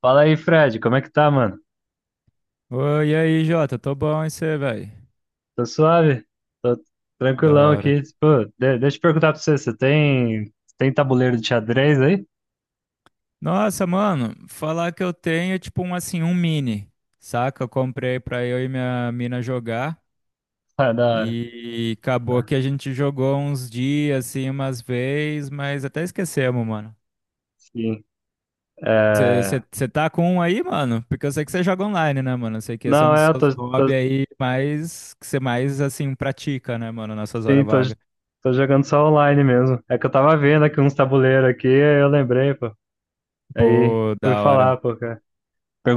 Fala aí, Fred, como é que tá, mano? Oi, e aí, Jota, tô bom e você, velho? Tô suave, tô Da tranquilão hora. aqui. Pô, deixa eu perguntar pra você, você tem tabuleiro de xadrez aí? Nossa, mano, falar que eu tenho é tipo um assim, um mini, saca? Eu comprei pra eu e minha mina jogar Ah, da hora. e acabou Ah, que a gente jogou uns dias assim, umas vezes, mas até esquecemos, mano. sim. É... Você tá com um aí, mano? Porque eu sei que você joga online, né, mano? Eu sei que esse é um Não, dos é, eu tô, seus hobbies tô, aí mais que você mais assim pratica, né, mano, nas suas sim, horas tô, vagas. tô jogando só online mesmo. É que eu tava vendo aqui uns tabuleiros aqui, aí eu lembrei, pô. Aí Pô, fui da hora. falar, pô, cara.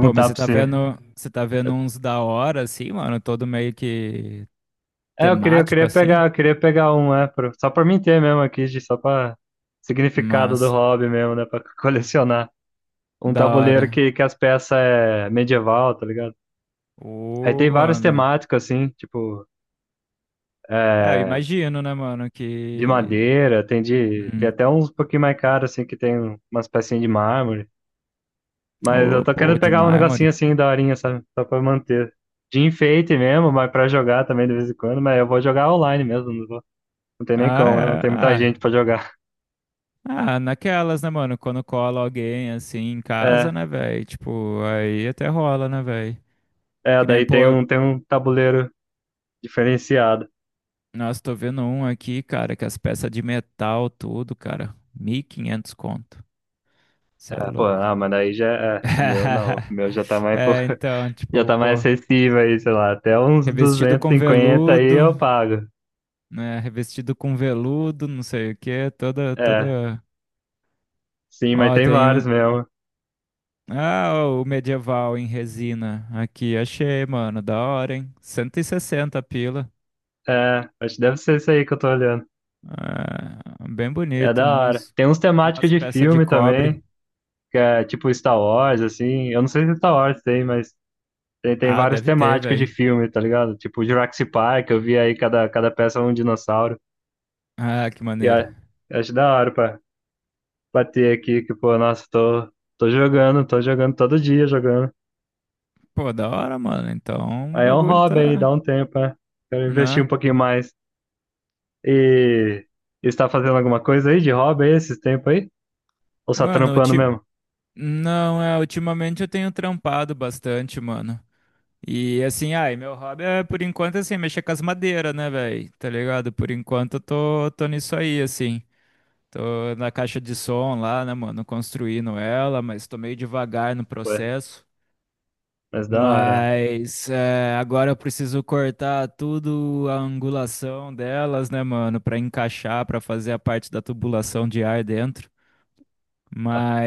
Pô, mas você pra tá você. vendo, você tá vendo uns da hora, assim, mano, todo meio que É, eu queria, eu temático, queria assim, pegar, eu queria pegar um, só pra mim ter mesmo aqui, só pra significado do mas hobby mesmo, né, pra colecionar. Um da tabuleiro hora. que as peças é medieval, tá ligado? Aí Ô, tem vários mano. temáticos, assim, tipo, É, eu é, imagino, né, mano, de que... madeira, tem de. Tem Hum. até uns um pouquinho mais caros, assim, que tem umas pecinhas de mármore. Mas eu Ô, tô pô, querendo de pegar um negocinho mármore. assim, daorinha, sabe? Só pra manter. De enfeite mesmo, mas pra jogar também de vez em quando, mas eu vou jogar online mesmo, não tem nem como, né? Não Ah, tem é, muita gente ah, pra jogar. ah, naquelas, né, mano, quando cola alguém, assim, em É, casa, né, velho, tipo, aí até rola, né, velho. é, Que nem, daí tem pô, um, tem um tabuleiro diferenciado. nossa, tô vendo um aqui, cara, que as peças de metal, tudo, cara, 1.500 conto. Você é É, pô, louco. ah, mas daí já é, o meu não, o meu já tá mais pro, É, então, já tipo, tá mais pô, acessível aí, sei lá, até uns revestido duzentos e com cinquenta aí veludo, eu pago. né? Revestido com veludo, não sei o quê, toda, É, toda. sim, mas Ó, tem tem um. vários mesmo. Ah, ó, o medieval em resina aqui, achei, mano, da hora, hein? 160 pila. É, acho que deve ser isso aí que eu tô olhando. É, bem É bonito, da hora. uns, Tem uns temáticos umas de peças de filme cobre. também, que é tipo Star Wars, assim. Eu não sei se é Star Wars tem, mas tem Ah, vários deve ter, temáticos de velho. filme, tá ligado? Tipo Jurassic Park, eu vi aí cada peça é um dinossauro. Ah, que E maneiro. a- eu acho da hora pra bater aqui, que, pô, nossa, tô jogando, tô jogando todo dia jogando. Pô, da hora, mano. Então, o Aí é um bagulho hobby aí, tá, dá um tempo, né? Quero investir um né? pouquinho mais. E e está fazendo alguma coisa aí de hobby aí esses tempos aí? Ou só Mano, trampando ulti- mesmo? Não, é, ultimamente eu tenho trampado bastante, mano. E assim, ai, meu hobby é por enquanto assim, mexer com as madeiras, né, velho? Tá ligado? Por enquanto eu tô nisso aí, assim. Tô na caixa de som lá, né, mano? Construindo ela, mas tô meio devagar no Pô, processo. mas da hora. Mas é, agora eu preciso cortar tudo a angulação delas, né, mano? Pra encaixar, pra fazer a parte da tubulação de ar dentro.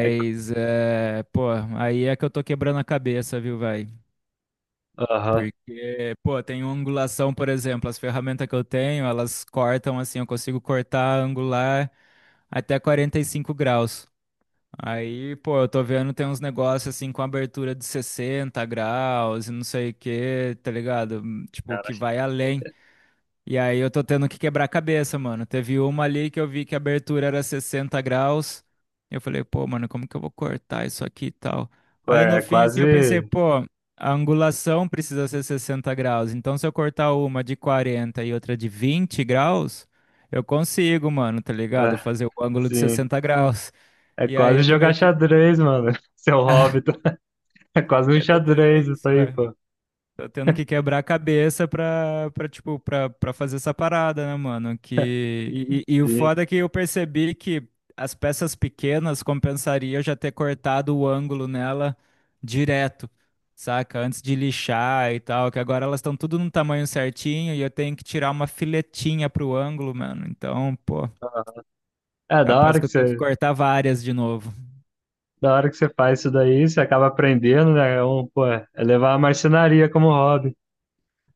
É, é, pô, aí é que eu tô quebrando a cabeça, viu, vai? aham. Porque, pô, tem angulação, por exemplo, as ferramentas que eu tenho, elas cortam assim, eu consigo cortar angular até 45 graus. Aí, pô, eu tô vendo tem uns negócios assim com abertura de 60 graus e não sei o que, tá ligado? Tipo, Cara, que vai além. E aí eu tô tendo que quebrar a cabeça, mano. Teve uma ali que eu vi que a abertura era 60 graus. Eu falei, pô, mano, como que eu vou cortar isso aqui e tal? pô, Aí no é fim, assim, eu pensei, quase. pô, a angulação precisa ser 60 graus. Então se eu cortar uma de 40 e outra de 20 graus, eu consigo, mano, tá ligado? Ah, Fazer o ângulo de sim. 60 graus. É E aí quase eu tô meio jogar que. xadrez, mano. Seu hobby, tá? É quase um Eu tô tendo xadrez isso isso, aí, velho. pô. Tô tendo que quebrar a cabeça pra fazer essa parada, né, mano? E o Sim. foda é que eu percebi que as peças pequenas compensaria eu já ter cortado o ângulo nela direto, saca? Antes de lixar e tal, que agora elas estão tudo no tamanho certinho e eu tenho que tirar uma filetinha pro ângulo, mano. Então, pô, É, da capaz hora que que eu tenho que você, cortar várias de novo. da hora que você faz isso daí, você acaba aprendendo, né? É um, pô, é levar a marcenaria como hobby.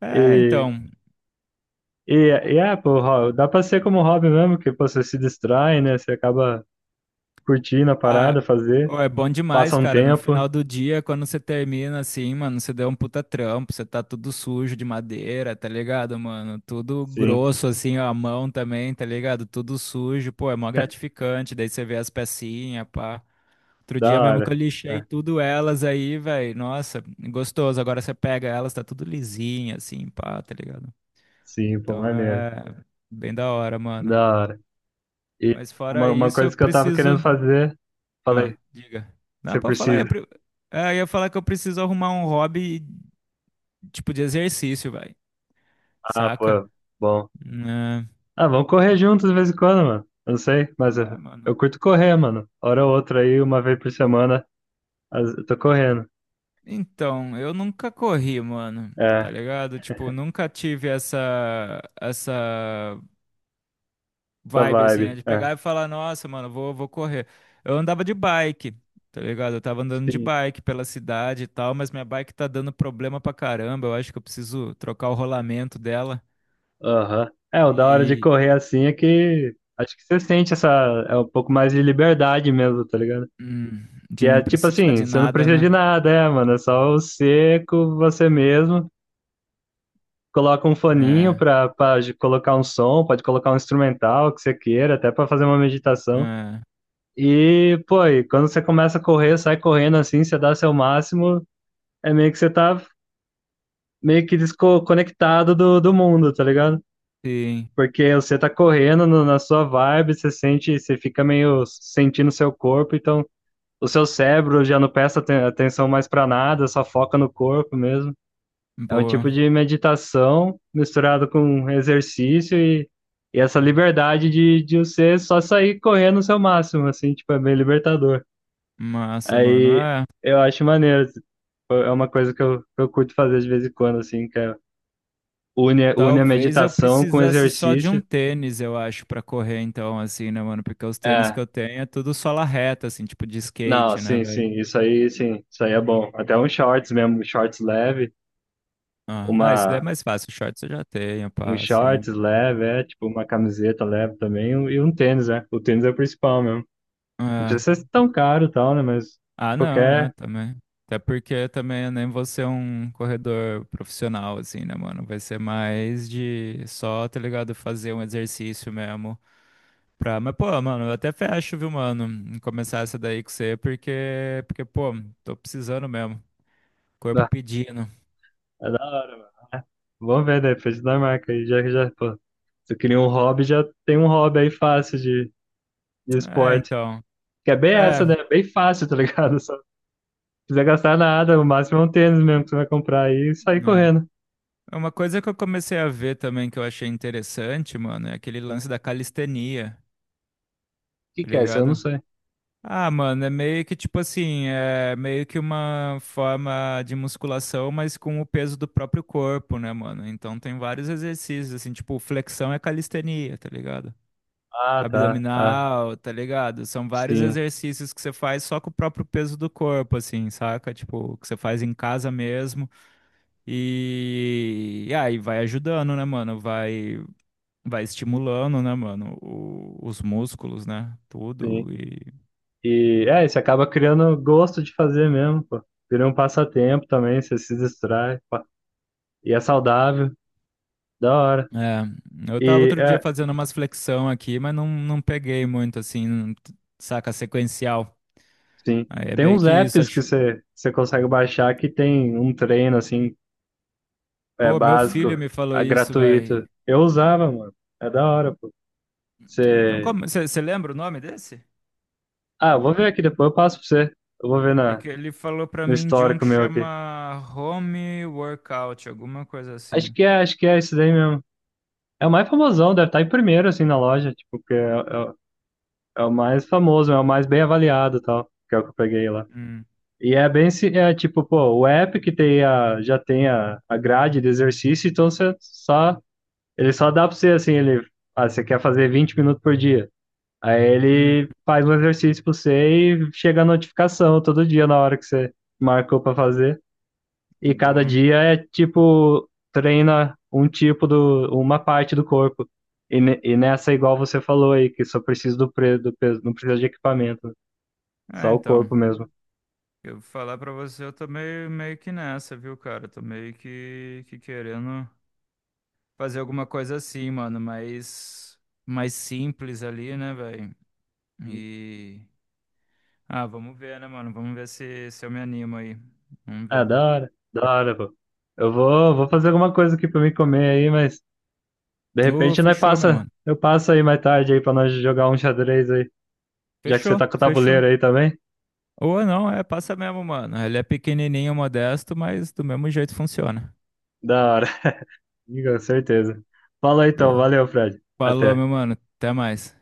É, então. E, e é, pô, dá pra ser como hobby mesmo, que pô, você se distrai, né? Você acaba curtindo a Ah, parada, fazer, ô, é bom passa demais, um cara. No tempo. final do dia, quando você termina assim, mano, você deu um puta trampo, você tá tudo sujo de madeira, tá ligado, mano? Tudo Sim, grosso, assim, ó, a mão também, tá ligado? Tudo sujo, pô, é mó gratificante. Daí você vê as pecinhas, pá. Outro da dia mesmo que hora. eu lixei É, tudo elas aí, velho. Nossa, gostoso. Agora você pega elas, tá tudo lisinha, assim, pá, tá ligado? sim, pô, Então maneiro. é bem da hora, mano. Da hora. E Mas uma, fora uma isso, eu coisa que eu tava querendo preciso. fazer, falei, Ah, diga. Não, você pode falar. Precisa. Ah, eu ia falar que eu preciso arrumar um hobby, tipo, de exercício, vai. Ah, Saca? pô, bom. Né? Ah, vamos correr juntos de vez em quando, mano. Eu não sei, mas eu, Ah, mano. eu curto correr, mano. Hora ou outra aí, uma vez por semana, eu tô correndo. Então, eu nunca corri, mano. É, Tá ligado? Tipo, nunca tive essa essa vibe assim, né? vibe. De É. pegar e falar, nossa, mano, vou correr. Eu andava de bike, tá ligado? Eu tava andando de Sim. bike pela cidade e tal, mas minha bike tá dando problema pra caramba. Eu acho que eu preciso trocar o rolamento dela. Aham. É, o da hora de E correr assim é que acho que você sente essa, é um pouco mais de liberdade mesmo, tá ligado? hum, Que de não é tipo precisar assim, de você não nada, precisa de né? nada, é, mano, é só o seco, você mesmo, coloca um foninho É, pra, colocar um som, pode colocar um instrumental que você queira, até pra fazer uma meditação. é, E, pô, e quando você começa a correr, sai correndo assim, você dá seu máximo, é meio que você tá meio que desconectado do mundo, tá ligado? sim, Porque você tá correndo na sua vibe, você sente, você fica meio sentindo seu corpo, então o seu cérebro já não presta atenção mais pra nada, só foca no corpo mesmo. É um boa, tipo de meditação misturado com exercício e, essa liberdade de você só sair correndo o seu máximo, assim, tipo, é bem libertador. massa, mano. Aí É, eu acho maneiro, tipo, é uma coisa que eu curto fazer de vez em quando, assim, que é, une a talvez eu meditação com precisasse só de exercício. um tênis, eu acho, pra correr, então, assim, né, mano? Porque os tênis É, que eu tenho é tudo sola reta, assim, tipo de não, skate, né, sim, velho? Sim, isso aí é bom. Até um shorts mesmo, shorts leve, Ah, ah, isso daí é uma, mais fácil, shorts eu já tenho, um pá, assim. shorts leve, é, tipo, uma camiseta leve também, e um tênis, né? O tênis é o principal mesmo. Não É. precisa ser tão caro e tal, né? Mas Ah, não, é, qualquer. também. Até porque também eu nem vou ser um corredor profissional, assim, né, mano? Vai ser mais de só, tá ligado? Fazer um exercício mesmo. Pra, mas, pô, mano, eu até fecho, viu, mano, em começar essa daí com você, porque, pô, tô precisando mesmo. Corpo Ah, pedindo. é da hora, mano. Vamos ver, né? Frente da marca aí, já já, pô. Se eu queria um hobby, já tem um hobby aí fácil de É, esporte. então. Que é bem essa, né? É, Bem fácil, tá ligado? Só não precisa gastar nada, o máximo é um tênis mesmo que você vai comprar aí e sair né. correndo. O Uma coisa que eu comecei a ver também que eu achei interessante, mano, é aquele lance da calistenia, que tá que é isso? Eu não ligado? sei. Ah, mano, é meio que tipo assim, é meio que uma forma de musculação, mas com o peso do próprio corpo, né, mano? Então tem vários exercícios, assim, tipo, flexão é calistenia, tá ligado? Ah, tá. Ah, Abdominal, tá ligado? São vários sim, exercícios que você faz só com o próprio peso do corpo, assim, saca? Tipo, que você faz em casa mesmo e aí vai ajudando, né, mano? Vai, vai, estimulando, né, mano? os músculos, né? sim. Tudo e E é, você acaba criando gosto de fazer mesmo, pô. Vira um passatempo também, você se distrai, pá. E é saudável, da hora. é, eu tava E outro dia é, fazendo umas flexão aqui, mas não, não peguei muito, assim, saca? Sequencial. sim. Aí é Tem meio uns que isso, apps que acho. você consegue baixar que tem um treino assim, é Pô, meu básico, filho me falou isso, velho. gratuito. Eu usava, mano. É da hora, pô. Ah, então, Você. como? Você lembra o nome desse? Ah, eu vou ver aqui depois, eu passo pra você. Eu vou ver na, Porque ele falou pra no mim de um histórico que meu aqui. chama Home Workout, alguma coisa Acho assim. que é, acho que é isso daí mesmo. É o mais famosão, deve estar em primeiro, assim, na loja, tipo, porque é o mais famoso, é o mais bem avaliado e tal, que é o que eu peguei lá. Hum, E é bem, é tipo, pô, o app que tem a, já tem a grade de exercício, então você só, ele só dá pra você, assim, ele, você quer fazer 20 minutos por dia. Aí hum, ele faz um exercício pra você e chega a notificação todo dia na hora que você marcou pra fazer e cada boa. dia é tipo, treina um tipo do, uma parte do corpo. E, e nessa, igual você falou aí, que só precisa do peso, não precisa de equipamento, É, só o então, corpo mesmo. eu vou falar pra você, eu tô meio que nessa, viu, cara? Tô meio que, querendo fazer alguma coisa assim, mano, mais simples ali, né, velho? E. Ah, vamos ver, né, mano? Vamos ver se eu me animo aí. Vamos Ah, ver. Da hora, pô. Eu vou fazer alguma coisa aqui pra mim comer aí, mas de Ô, repente nós fechou, meu passa, mano. eu passo aí mais tarde aí pra nós jogar um xadrez aí, já que você Fechou, tá com o fechou. tabuleiro aí também. Ou não, é, passa mesmo, mano. Ele é pequenininho, modesto, mas do mesmo jeito funciona. Da hora, com certeza. Fala aí, então, Pô, valeu, Fred. falou, Até. meu mano. Até mais.